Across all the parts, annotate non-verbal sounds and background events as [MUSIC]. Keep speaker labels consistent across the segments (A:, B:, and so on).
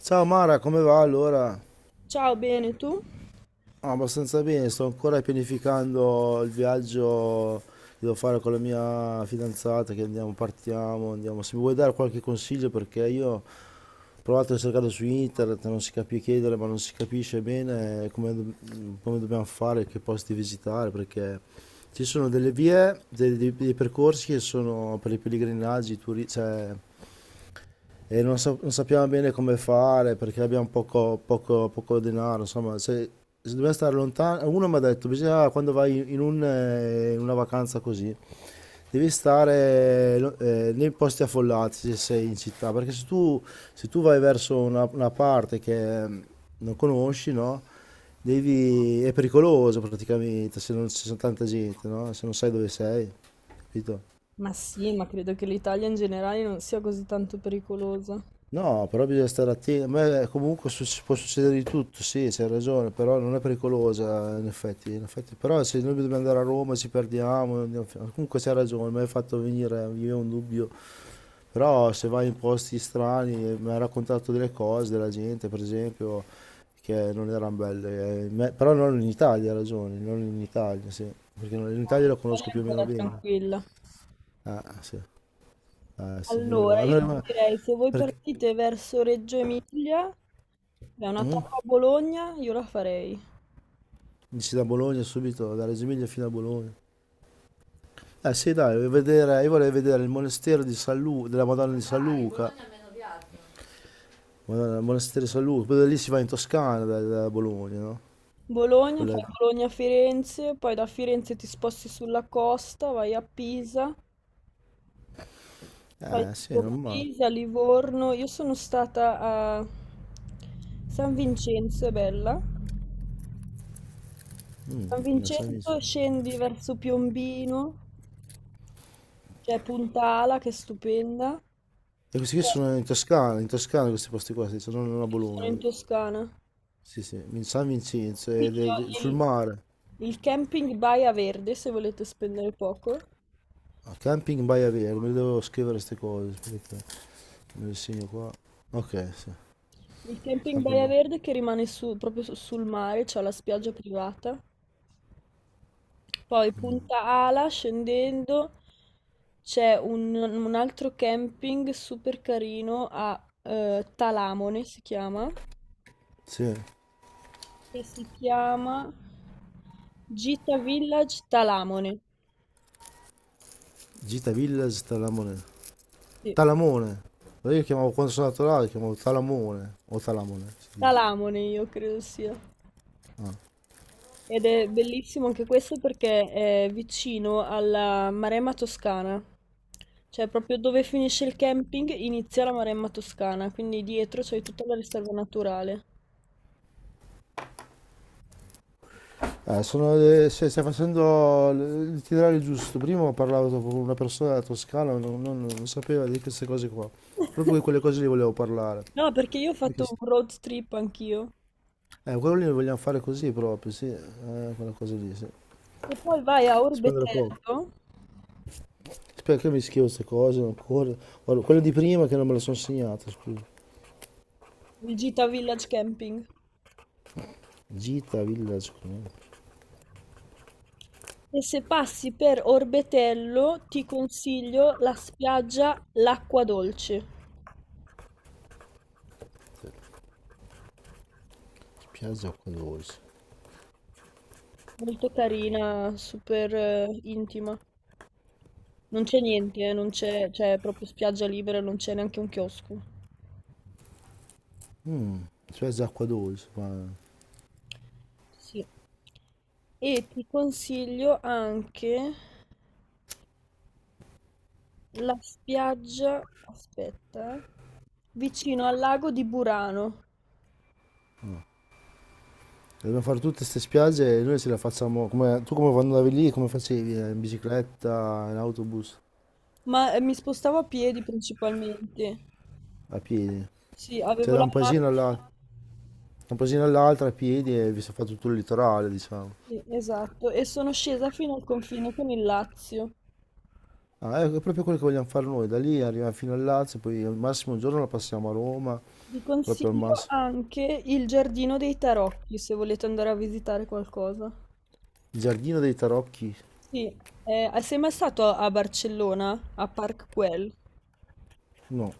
A: Ciao Mara, come va allora?
B: Ciao, bene, tu?
A: Ah, abbastanza bene, sto ancora pianificando il viaggio che devo fare con la mia fidanzata, che andiamo, partiamo, andiamo. Se mi vuoi dare qualche consiglio, perché io ho provato a cercare su internet, non si capisce chiedere, ma non si capisce bene come, come dobbiamo fare, che posti visitare, perché ci sono delle vie, dei percorsi che sono per i pellegrinaggi, cioè e non, non sappiamo bene come fare perché abbiamo poco denaro, insomma, se, se dobbiamo stare lontani, uno mi ha detto, bisogna quando vai in, un, in una vacanza così, devi stare nei posti affollati se sei in città, perché se tu, se tu vai verso una parte che non conosci, no? Devi, è pericoloso praticamente se non ci sono tanta gente, no? Se non sai dove sei, capito?
B: Ma sì, ma credo che l'Italia in generale non sia così tanto pericolosa. No,
A: No, però bisogna stare attenti. A me comunque può succedere di tutto, sì, c'hai ragione, però non è pericolosa in effetti, in effetti. Però se noi dobbiamo andare a Roma ci perdiamo, comunque c'hai ragione, mi hai fatto venire via un dubbio. Però se vai in posti strani, mi hai raccontato delle cose della gente, per esempio, che non erano belle. Però non in Italia, hai ragione, non in Italia, sì. Perché in Italia la
B: l'Italia
A: conosco
B: è
A: più o meno
B: ancora
A: bene.
B: tranquilla.
A: Ah, sì, ah, sì, meno
B: Allora, io
A: male.
B: direi se voi
A: Perché...
B: partite verso Reggio Emilia, è una
A: mm?
B: tappa a Bologna, io la farei.
A: Dici da Bologna subito, da Reggio Emilia fino a Bologna. Eh sì, dai, io vorrei vedere il monastero di della Madonna di San Luca. Ah, Madonna, il monastero di San Luca, poi da lì si va in Toscana da, da Bologna, no? Con
B: Bologna, fai
A: le-
B: Bologna-Firenze, poi da Firenze ti sposti sulla costa, vai a Pisa, fai
A: Eh sì,
B: tipo
A: non male.
B: Pisa, Livorno. Io sono stata a San Vincenzo, è bella.
A: Mm,
B: San
A: non so niente.
B: Vincenzo scendi verso Piombino, c'è Punta Ala che è stupenda.
A: E questi qui
B: Eh,
A: sono in Toscana questi posti qua, sì, sono non a
B: Sono
A: Bologna.
B: in Toscana.
A: Sì, sì, in San Vincenzo, ed
B: Consiglio
A: è sul
B: Il,
A: mare.
B: il camping Baia Verde, se volete spendere poco.
A: A Camping Baia Verde, me le devo scrivere queste cose, aspetta. Me le segno qua. Ok, sì.
B: Il camping
A: Camping
B: Baia
A: Baia.
B: Verde che rimane su- proprio su- sul mare, c'è la spiaggia privata. Poi Punta Ala, scendendo, c'è un altro camping super carino a Talamone, si chiama.
A: Sì.
B: Che si chiama Gita Village Talamone.
A: Gita Village Talamone.
B: Sì,
A: Talamone. Allora io chiamavo quando sono andato là, lo chiamavo Talamone o Talamone si dice.
B: Talamone io credo sia. Ed è bellissimo anche questo perché è vicino alla Maremma Toscana. Cioè proprio dove finisce il camping inizia la Maremma Toscana, quindi dietro c'è tutta la riserva naturale.
A: Sono stai facendo il titolare giusto. Prima ho parlato con una persona della Toscana, non sapeva di queste cose qua. Proprio di
B: [LAUGHS]
A: quelle cose lì volevo parlare.
B: No, perché io ho
A: Di che
B: fatto
A: s-
B: un road trip anch'io.
A: Quello lì lo vogliamo fare così proprio, sì. Quella cosa lì, sì.
B: Se poi vai a
A: Spendere poco.
B: Orbetello,
A: Spero che mi scrivo queste cose ancora. Guarda, quelle di prima che non me le sono segnate, scusa.
B: il Gita Village Camping.
A: Gita, Village,
B: E se passi per Orbetello, ti consiglio la spiaggia L'Acqua Dolce.
A: Piazza Acqua Dolce.
B: Molto carina, super intima. Non c'è niente, non c'è, c'è proprio spiaggia libera, non c'è neanche un chiosco.
A: Suez è acqua dolce, ma
B: Sì. E ti consiglio anche la spiaggia, aspetta, vicino al lago di Burano.
A: dobbiamo fare tutte queste spiagge e noi se le facciamo come tu come quando andavi lì, come facevi? In bicicletta, in autobus,
B: Ma mi spostavo a piedi principalmente.
A: a piedi.
B: Sì, avevo
A: Cioè da
B: la
A: un
B: macchina.
A: da un paesino all'altro a piedi e vi si fa tutto il litorale, diciamo.
B: Sì, esatto, e sono scesa fino al confine con il Lazio.
A: Ah, ecco, è proprio quello che vogliamo fare noi, da lì arriviamo fino al Lazio, poi al massimo un giorno la passiamo a Roma,
B: Vi
A: proprio al
B: consiglio
A: massimo.
B: anche il Giardino dei Tarocchi se volete andare a visitare qualcosa.
A: Il giardino dei tarocchi,
B: Sì, sei mai stato a Barcellona, a Park Güell?
A: no,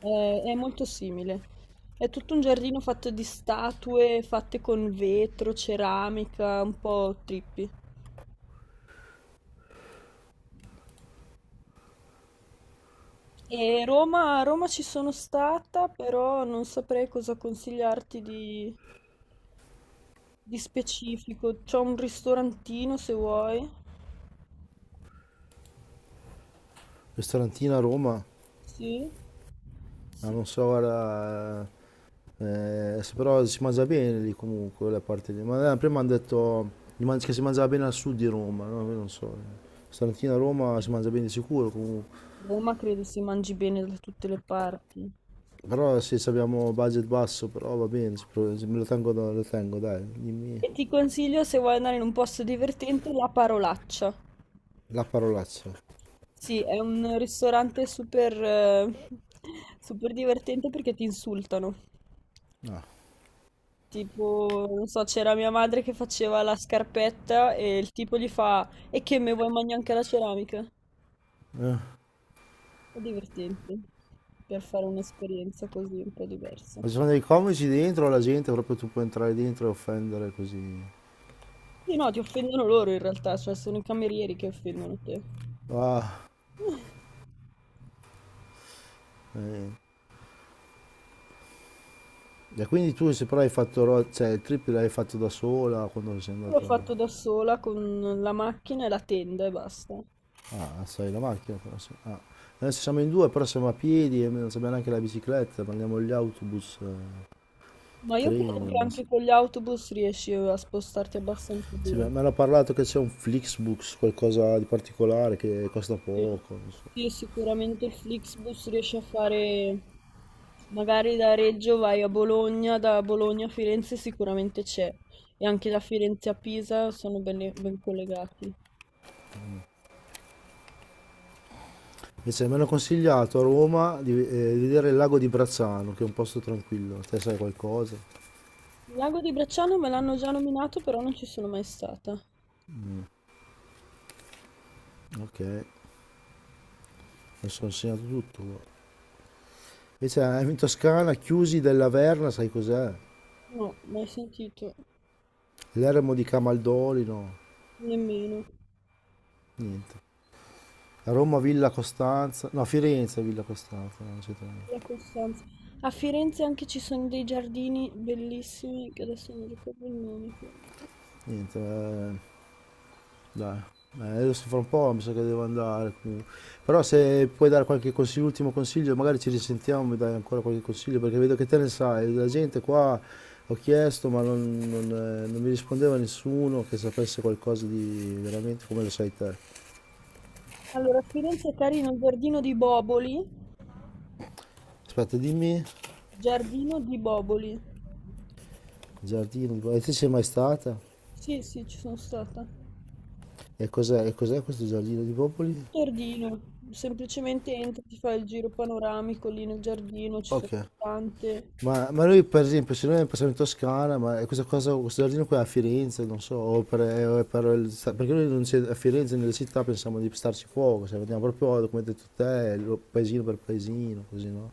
B: È molto simile. È tutto un giardino fatto di statue fatte con vetro, ceramica, un po' trippi. E Roma, a Roma ci sono stata, però non saprei cosa consigliarti di specifico. C'è un ristorantino se vuoi.
A: ristorantino a Roma,
B: Sì.
A: ah,
B: Sì,
A: non so,
B: a
A: guarda. Però si mangia bene lì comunque, quella parte lì. Ma prima hanno detto che si mangiava bene al sud di Roma, no? Io non so. Stamattina a Roma si mangia bene di sicuro comunque.
B: Roma credo si mangi bene da tutte le parti.
A: Però sì, se abbiamo budget basso, però va bene, se me lo tengo, lo tengo, dai, dimmi
B: E ti consiglio, se vuoi andare in un posto divertente, La Parolaccia.
A: la parolaccia.
B: Sì, è un ristorante super, [LAUGHS] super divertente perché ti insultano.
A: No.
B: Tipo, non so, c'era mia madre che faceva la scarpetta e il tipo gli fa: "E che me vuoi mangiare anche la ceramica?"
A: Eh.
B: È divertente per fare un'esperienza così un po' diversa.
A: Ma ci sono dei comici dentro, la gente proprio tu puoi entrare dentro e offendere così.
B: Sì, no, ti offendono loro in realtà, cioè sono i camerieri che offendono te.
A: Ah,
B: Io
A: eh. E quindi tu se però hai fatto, cioè il trip l'hai fatto da sola quando sei
B: l'ho fatto
A: andata...
B: da sola con la macchina e la tenda e basta.
A: Ah, sai la macchina però sì. Ah. Adesso siamo in due, però siamo a piedi e non sappiamo neanche la bicicletta, prendiamo gli autobus,
B: Ma io credo
A: treni. O
B: che
A: non so.
B: anche con gli autobus riesci a spostarti abbastanza
A: Sì,
B: bene.
A: mi hanno parlato che c'è un Flixbus, qualcosa di particolare che costa
B: Sì,
A: poco. Non so.
B: sì, sicuramente il Flixbus riesce a fare... Magari da Reggio vai a Bologna, da Bologna a Firenze sicuramente c'è. E anche da Firenze a Pisa sono ben collegati.
A: Invece mi hanno consigliato a Roma di vedere il lago di Brazzano, che è un posto tranquillo. Te sai qualcosa?
B: Il lago di Bracciano me l'hanno già nominato, però non ci sono mai stata.
A: Ok, adesso ho insegnato tutto, guarda. Invece in Toscana, Chiusi della Verna, sai cos'è?
B: No, mai sentito,
A: L'eremo di Camaldolino.
B: nemmeno.
A: Niente. Roma, Villa Costanza, no Firenze, Villa Costanza, no, eccetera.
B: La Costanza. A Firenze anche ci sono dei giardini bellissimi, che adesso non ricordo il nome. Però.
A: Niente, dai. Adesso fra un po' mi sa che devo andare comunque. Però se puoi dare qualche consiglio, ultimo consiglio, magari ci risentiamo e dai ancora qualche consiglio, perché vedo che te ne sai, la gente qua ho chiesto ma non mi rispondeva nessuno che sapesse qualcosa di veramente come lo sai te.
B: Allora, a Firenze è carino il giardino di Boboli.
A: Aspetta, dimmi,
B: Giardino di Boboli.
A: giardino di Popoli. E te sei mai stata?
B: Sì, sì, ci sono stata.
A: E cos'è questo giardino di Popoli?
B: Giardino, semplicemente entri, ti fai il giro panoramico lì nel giardino, ci sono
A: Ok.
B: tante.
A: Ma lui per esempio se noi passiamo in Toscana, ma questa cosa, questo giardino qui è a Firenze, non so, o per, o è per perché noi non c'è- a Firenze nelle città pensiamo di starci fuoco, cioè andiamo proprio come hai detto te, paesino per paesino, così no?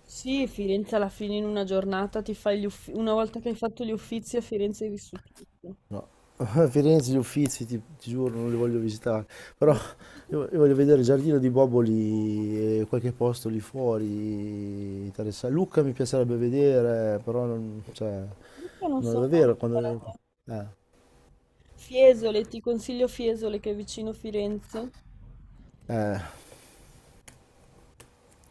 B: Sì, Firenze alla fine in una giornata ti fai gli uffizi, una volta che hai fatto gli uffizi a Firenze hai vissuto tutto.
A: No, [LAUGHS] a Firenze gli Uffizi ti, ti giuro non li voglio visitare, però
B: Mm.
A: io voglio vedere il giardino di Boboli e qualche posto lì fuori, interessante. Lucca mi piacerebbe vedere, però non, cioè,
B: Io non
A: non
B: sono mai
A: davvero quando...
B: stata.
A: Eh,
B: Fiesole, ti consiglio Fiesole che è vicino Firenze.
A: eh.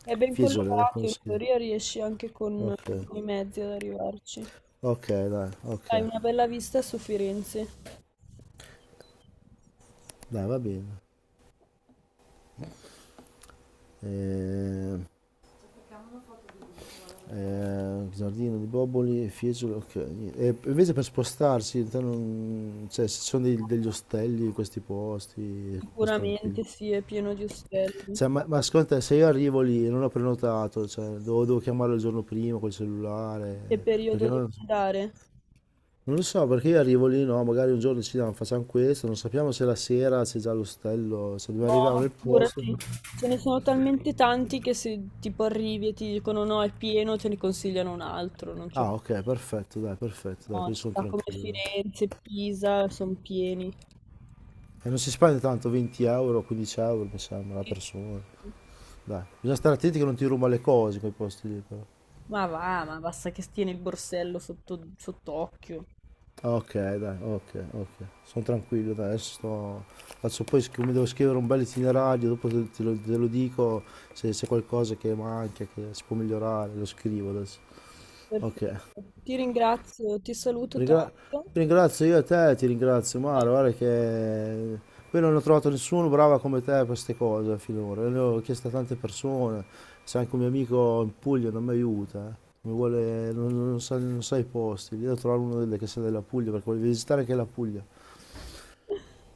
B: È ben
A: Fiesole,
B: collocato,
A: come
B: in
A: si chiama?
B: teoria riesci anche
A: Ok,
B: con i mezzi ad arrivarci.
A: ok,
B: Hai una bella vista su Firenze.
A: dai, va bene. Ehm, Giardino di Boboli, Fiesole, ok. E invece per spostarsi, te cioè, se ci sono degli ostelli in questi posti, posti tranquilli.
B: Sicuramente sì, è pieno di ostelli.
A: Cioè, ma secondo te, se io arrivo lì e non ho prenotato, cioè, devo, devo chiamarlo il giorno prima col
B: Che
A: cellulare,
B: periodo
A: perché
B: devi
A: non...
B: andare?
A: Non lo so, perché io arrivo lì, no, magari un giorno decidiamo, facciamo questo, non sappiamo se la sera c'è già l'ostello, se dobbiamo arrivare
B: No,
A: nel posto.
B: figurati, ce ne sono talmente tanti che se tipo arrivi e ti dicono no, è pieno, te ne consigliano un altro, non c'è
A: Ah, ok, perfetto, dai,
B: no,
A: così sono
B: città come
A: tranquillo, dai.
B: Firenze, Pisa, sono pieni.
A: E non si spende tanto, 20 euro, 15 euro, mi sembra, la
B: Sì,
A: persona.
B: sì.
A: Dai, bisogna stare attenti che non ti ruba le cose quei posti lì, però.
B: Ma va, ma basta che tieni il borsello sotto, sott'occhio.
A: Ah, ok, dai, ok, ok. Sono tranquillo, dai, adesso sto... Adesso poi mi devo scrivere un bel itinerario, dopo te, te lo dico se c'è qualcosa che manca, che si può migliorare, lo scrivo adesso. Ok.
B: Perfetto. Ti ringrazio, ti saluto
A: Ringra-
B: tanto.
A: Ti ringrazio io a te, ti ringrazio Mara, guarda che poi non ho trovato nessuno bravo come te per queste cose finora, le ho chiesto a tante persone, c'è anche un mio amico in Puglia, non mi aiuta, eh. Mi vuole, non sa, non sa i posti, devo trovare uno che sia della Puglia perché voglio visitare anche la Puglia.
B: [LAUGHS]